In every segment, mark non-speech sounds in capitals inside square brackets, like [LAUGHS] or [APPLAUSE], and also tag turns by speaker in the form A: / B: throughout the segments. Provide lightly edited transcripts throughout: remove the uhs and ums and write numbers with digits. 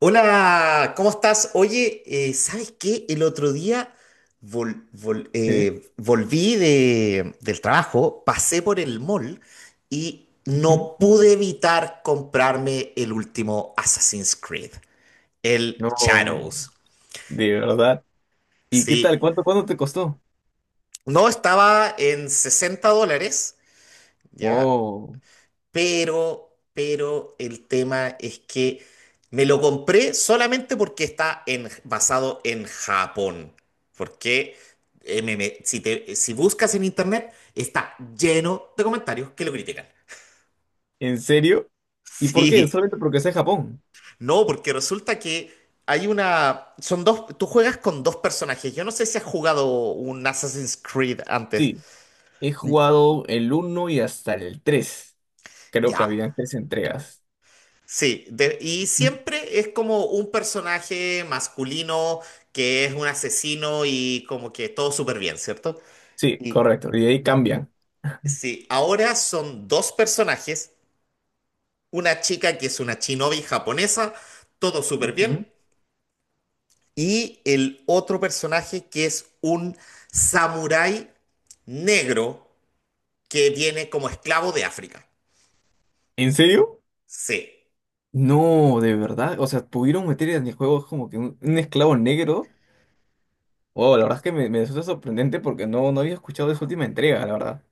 A: Hola, ¿cómo estás? Oye, ¿sabes qué? El otro día
B: Sí,
A: volví del trabajo, pasé por el mall y
B: ujú.
A: no pude evitar comprarme el último Assassin's Creed, el
B: No,
A: Shadows.
B: de verdad. ¿Y qué tal?
A: Sí,
B: ¿Cuánto te costó?
A: no estaba en $60, ¿ya?
B: Wow,
A: Pero el tema es que me lo compré solamente porque basado en Japón. Porque si buscas en internet está lleno de comentarios que lo critican. [LAUGHS]
B: ¿en serio? ¿Y por qué?
A: Sí,
B: Solamente porque sea Japón.
A: no, porque resulta que hay una... Son dos... Tú juegas con dos personajes. Yo no sé si has jugado un Assassin's Creed antes.
B: Sí, he
A: Mm.
B: jugado el uno y hasta el 3. Creo que
A: Ya.
B: habían tres entregas.
A: Sí, y
B: Ujú.
A: siempre es como un personaje masculino que es un asesino y como que todo súper bien, ¿cierto?
B: Sí,
A: Y
B: correcto. Y de ahí cambian.
A: sí, ahora son dos personajes, una chica que es una shinobi japonesa, todo súper bien,
B: Ujú.
A: y el otro personaje que es un samurái negro que viene como esclavo de África.
B: ¿En serio?
A: Sí.
B: No, de verdad. O sea, pudieron meter en el juego como que un esclavo negro. Wow, la verdad es que me resulta sorprendente porque no había escuchado de esa última entrega, la verdad.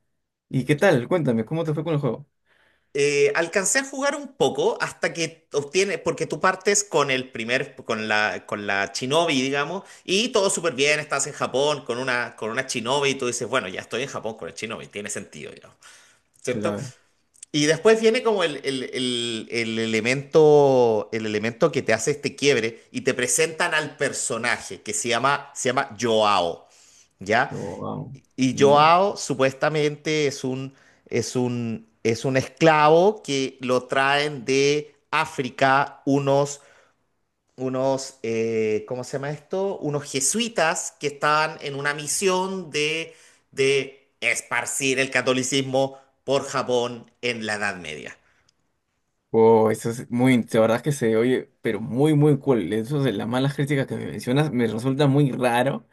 B: ¿Y qué tal? Cuéntame, ¿cómo te fue con el juego?
A: Alcancé a jugar un poco hasta que obtienes, porque tú partes con el primer, con la Shinobi, digamos, y todo súper bien, estás en Japón con una Shinobi y tú dices, bueno, ya estoy en Japón con el Shinobi, tiene sentido, digamos, ¿cierto?
B: Claro.
A: Y después viene como el elemento que te hace este quiebre y te presentan al personaje se llama Joao. ¿Ya?
B: Yo, wow.
A: Y
B: Ya.
A: Joao supuestamente es es un esclavo que lo traen de África unos ¿cómo se llama esto? Unos jesuitas que estaban en una misión de esparcir el catolicismo por Japón en la Edad Media.
B: Wow, eso es muy, de verdad que se oye, pero muy, muy cool. Eso de las malas críticas que me mencionas me resulta muy raro,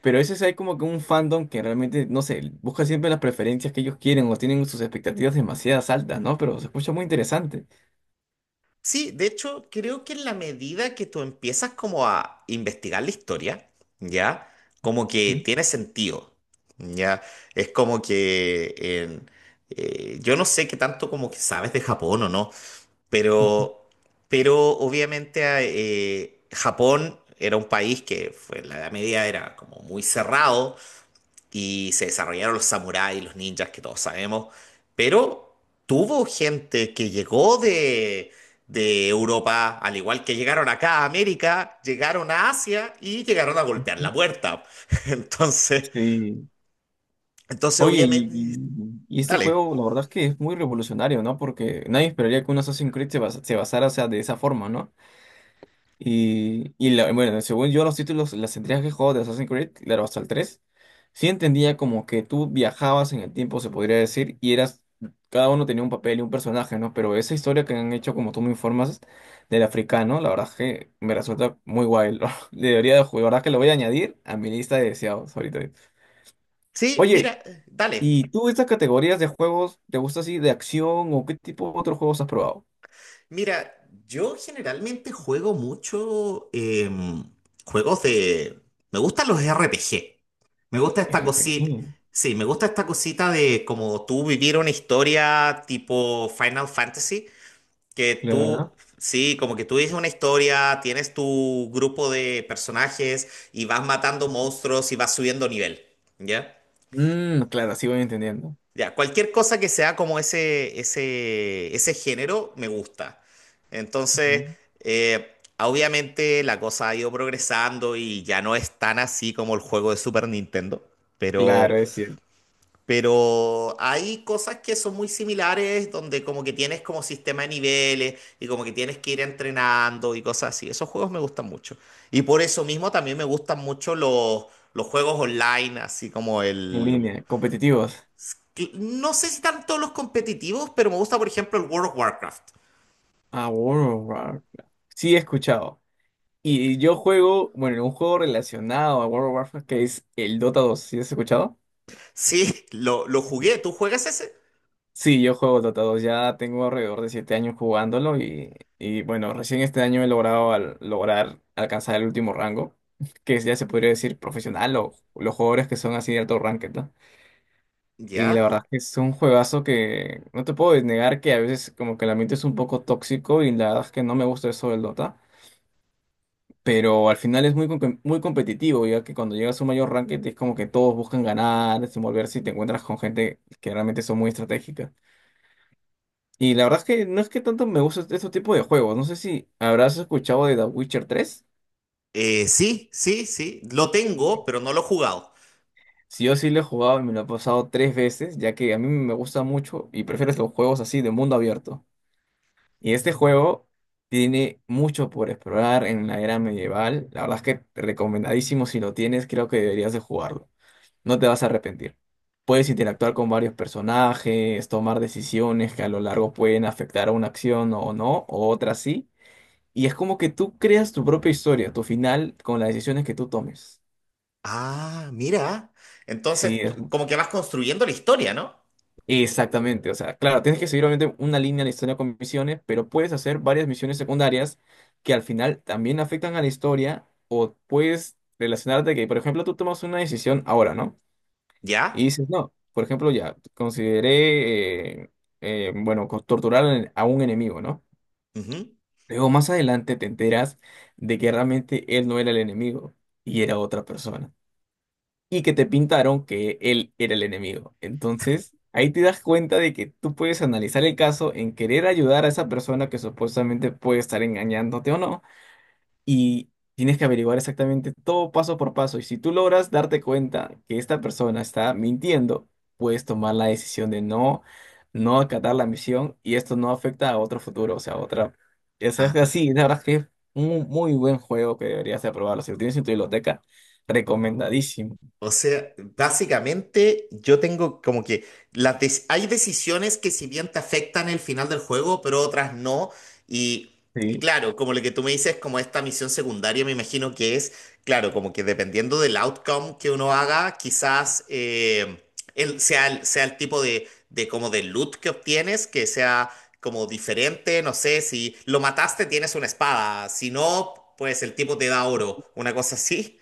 B: pero eso es hay como que un fandom que realmente, no sé, busca siempre las preferencias que ellos quieren o tienen sus expectativas demasiadas altas, ¿no? Pero se escucha muy interesante.
A: Sí, de hecho, creo que en la medida que tú empiezas como a investigar la historia, ¿ya? Como que
B: ¿Mm?
A: tiene sentido, ¿ya? Es como que en- yo no sé qué tanto como que sabes de Japón o no,
B: Ujú.
A: pero, pero obviamente Japón era un país que fue, en la Edad Media era como muy cerrado y se desarrollaron los samuráis, los ninjas que todos sabemos, pero tuvo gente que llegó de Europa, al igual que llegaron acá a América, llegaron a Asia y llegaron a golpear la puerta. [LAUGHS] Entonces,
B: Sí.
A: entonces
B: Oye, y,
A: obviamente,
B: y- y este
A: dale.
B: juego, la verdad es que es muy revolucionario, ¿no? Porque nadie esperaría que un Assassin's Creed se basara, o sea, de esa forma, ¿no? Y la, bueno, según yo, los títulos, las entregas que he jugado de Assassin's Creed, claro, hasta el 3 sí entendía como que tú viajabas en el tiempo, se podría decir, y eras, cada uno tenía un papel y un personaje, ¿no? Pero esa historia que han hecho, como tú me informas, del africano, la verdad es que me resulta muy guay. [LAUGHS] Debería de jugar, la verdad es que lo voy a añadir a mi lista de deseados ahorita.
A: Sí,
B: Oye,
A: mira, dale.
B: ¿y tú estas categorías de juegos te gusta así de acción o qué tipo de otros juegos has probado?
A: Mira, yo generalmente juego mucho juegos de... me gustan los RPG. Me gusta esta cosita...
B: RPG,
A: Sí, me gusta esta cosita de como tú vivir una historia tipo Final Fantasy, que tú...
B: claro.
A: sí, como que tú dices una historia, tienes tu grupo de personajes y vas matando monstruos y vas subiendo nivel, ¿ya?
B: Mm, claro, así voy entendiendo.
A: Ya, cualquier cosa que sea como ese género me gusta. Entonces, obviamente la cosa ha ido progresando y ya no es tan así como el juego de Super Nintendo, pero,
B: Claro, es cierto.
A: pero hay cosas que son muy similares donde como que tienes como sistema de niveles y como que tienes que ir entrenando y cosas así. Esos juegos me gustan mucho. Y por eso mismo también me gustan mucho los juegos online, así como
B: En
A: el
B: línea, competitivos.
A: cl- no sé si tanto los competitivos, pero me gusta, por ejemplo, el World of Warcraft.
B: Ah, World of Warcraft. Claro. Sí, he escuchado. Y yo juego, bueno, un juego relacionado a World of Warcraft que es el Dota 2. ¿Sí has escuchado?
A: Sí, lo
B: Sí,
A: jugué. ¿Tú juegas ese?
B: sí, yo juego Dota 2. Ya tengo alrededor de 7 años jugándolo y bueno, recién este año he logrado lograr alcanzar el último rango, que ya se podría decir profesional o los jugadores que son así de alto ranked. Y
A: Ya.
B: la verdad es que es un juegazo que no te puedo negar que a veces como que el ambiente es un poco tóxico y la verdad es que no me gusta eso del Dota. Pero al final es muy, muy competitivo, ya que cuando llegas a un mayor ranking es como que todos buscan ganar, desenvolverse y te encuentras con gente que realmente son muy estratégicas. Y la verdad es que no es que tanto me gusta este tipo de juegos. No sé si habrás escuchado de The Witcher 3.
A: Sí, sí, sí. Lo tengo, pero no lo he jugado.
B: Si yo sí lo he jugado y me lo he pasado tres veces, ya que a mí me gusta mucho y prefiero los juegos así de mundo abierto. Y este juego tiene mucho por explorar en la era medieval. La verdad es que recomendadísimo si lo tienes, creo que deberías de jugarlo. No te vas a arrepentir. Puedes interactuar con varios personajes, tomar decisiones que a lo largo pueden afectar a una acción o no, o otras sí. Y es como que tú creas tu propia historia, tu final, con las decisiones que tú tomes.
A: Ah, mira.
B: Sí,
A: Entonces,
B: es.
A: como que vas construyendo la historia, ¿no?
B: Exactamente, o sea, claro, tienes que seguir obviamente una línea en la historia con misiones, pero puedes hacer varias misiones secundarias que al final también afectan a la historia o puedes relacionarte que, por ejemplo, tú tomas una decisión ahora, ¿no? Y
A: Ya.
B: dices, no, por ejemplo, ya, consideré, bueno, torturar a un enemigo, ¿no?
A: Ujú.
B: Luego más adelante te enteras de que realmente él no era el enemigo y era otra persona y que te pintaron que él era el enemigo. Entonces, ahí te das cuenta de que tú puedes analizar el caso en querer ayudar a esa persona que supuestamente puede estar engañándote o no, y tienes que averiguar exactamente todo paso por paso. Y si tú logras darte cuenta que esta persona está mintiendo, puedes tomar la decisión de no acatar la misión y esto no afecta a otro futuro, o sea, a otra. Es
A: Ah,
B: así, la verdad es que es un muy buen juego que deberías de probarlo. Si lo tienes en tu biblioteca, recomendadísimo.
A: o sea, básicamente yo tengo como que hay decisiones que si bien te afectan el final del juego, pero otras no. Y, y
B: Sí.
A: claro, como lo que tú me dices, como esta misión secundaria, me imagino que es, claro, como que dependiendo del outcome que uno haga, quizás sea el tipo de como de loot que obtienes, que sea como diferente, no sé, si lo mataste tienes una espada, si no, pues el tipo te da oro, una cosa así.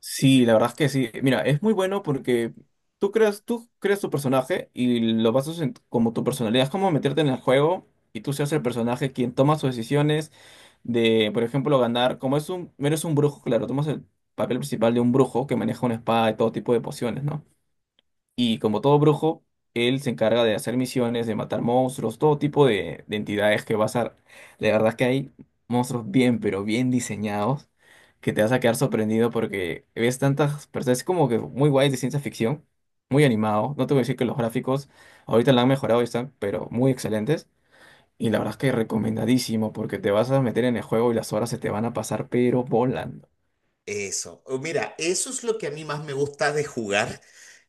B: Sí, la verdad es que sí. Mira, es muy bueno porque tú creas tu personaje y lo basas como tu personalidad. Es como meterte en el juego y tú seas el personaje quien toma sus decisiones de, por ejemplo, ganar. Como es un, eres un brujo, claro, tomas el papel principal de un brujo que maneja una espada y todo tipo de pociones, ¿no? Y como todo brujo, él se encarga de hacer misiones, de matar monstruos, todo tipo de entidades que vas a... La verdad es que hay monstruos bien, pero bien diseñados, que te vas a quedar sorprendido porque ves tantas personas, es como que muy guay de ciencia ficción, muy animado. No te voy a decir que los gráficos ahorita la han mejorado y están, pero muy excelentes. Y la verdad es que recomendadísimo porque te vas a meter en el juego y las horas se te van a pasar, pero volando.
A: Eso. O mira, eso es lo que a mí más me gusta de jugar,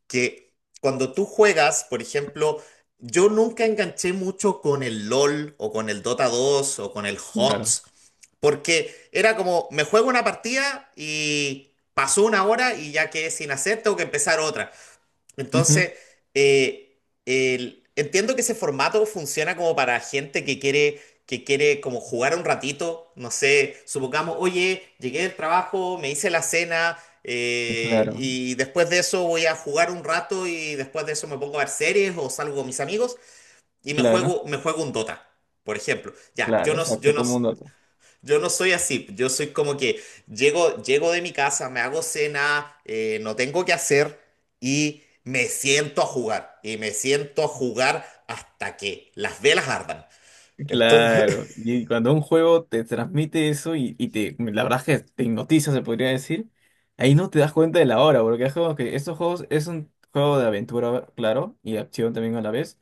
A: que cuando tú juegas, por ejemplo, yo nunca enganché mucho con el LOL o con el Dota 2 o con el
B: Mm. Claro.
A: HOTS, porque era como, me juego una partida y pasó una hora y ya quedé sin hacer, tengo que empezar otra.
B: Ujú,
A: Entonces, eh, entiendo que ese formato funciona como para gente que quiere como jugar un ratito, no sé, supongamos, oye, llegué del trabajo, me hice la cena,
B: claro,
A: y después de eso voy a jugar un rato y después de eso me pongo a ver series o salgo con mis amigos y
B: claro,
A: me juego un Dota, por ejemplo. Ya,
B: claro, exacto, como un dato.
A: yo no soy así, yo soy como que llego de mi casa, me hago cena, no tengo que hacer y me siento a jugar. Y me siento a jugar hasta que las velas ardan. Entonces,
B: Claro, y cuando un juego te transmite eso y te, la verdad es que te hipnotiza, se podría decir, ahí no te das cuenta de la hora, porque es como que estos juegos es un juego de aventura, claro, y de acción también a la vez.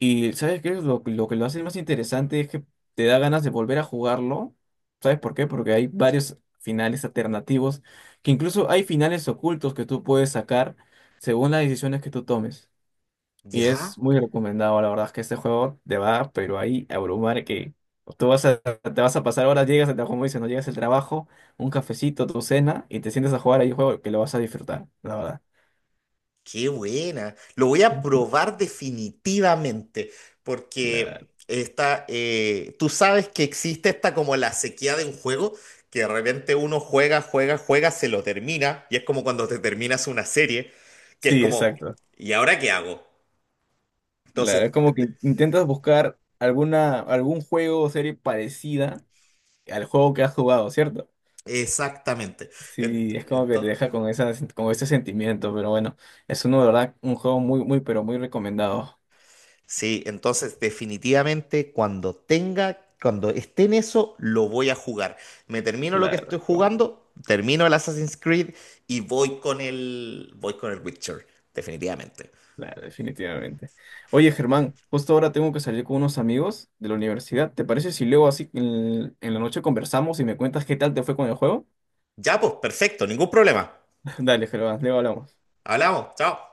B: Y ¿sabes qué? Lo que lo hace más interesante es que te da ganas de volver a jugarlo. ¿Sabes por qué? Porque hay varios finales alternativos, que incluso hay finales ocultos que tú puedes sacar según las decisiones que tú tomes.
A: [LAUGHS]
B: Y es
A: ¿ya?
B: muy recomendado, la verdad es que este juego te va, pero ahí a abrumar que tú vas a, te vas a pasar horas, llegas al trabajo, como dices, no llegas al trabajo, un cafecito, tu cena, y te sientes a jugar ahí un juego que lo vas a disfrutar, la verdad.
A: Qué buena. Lo voy a
B: Ujú.
A: probar definitivamente,
B: Claro.
A: porque esta, tú sabes que existe esta como la sequía de un juego, que de repente uno juega, se lo termina, y es como cuando te terminas una serie, que es
B: Sí,
A: como,
B: exacto.
A: ¿y ahora qué hago? Entonces,
B: Claro, es como que intentas buscar alguna, algún juego o serie parecida al juego que has jugado, ¿cierto?
A: exactamente.
B: Sí, es como que te deja con esa, con ese sentimiento, pero bueno, es uno de verdad un juego muy, muy, pero muy recomendado.
A: Sí, entonces definitivamente cuando tenga, cuando esté en eso, lo voy a jugar. Me termino lo que
B: Claro.
A: estoy jugando, termino el Assassin's Creed y voy con voy con el Witcher, definitivamente.
B: Claro, definitivamente. Oye, Germán, justo ahora tengo que salir con unos amigos de la universidad. ¿Te parece si luego así en la noche conversamos y me cuentas qué tal te fue con el juego?
A: Ya, pues, perfecto, ningún problema.
B: [LAUGHS] Dale, Germán, luego hablamos.
A: Hablamos, chao.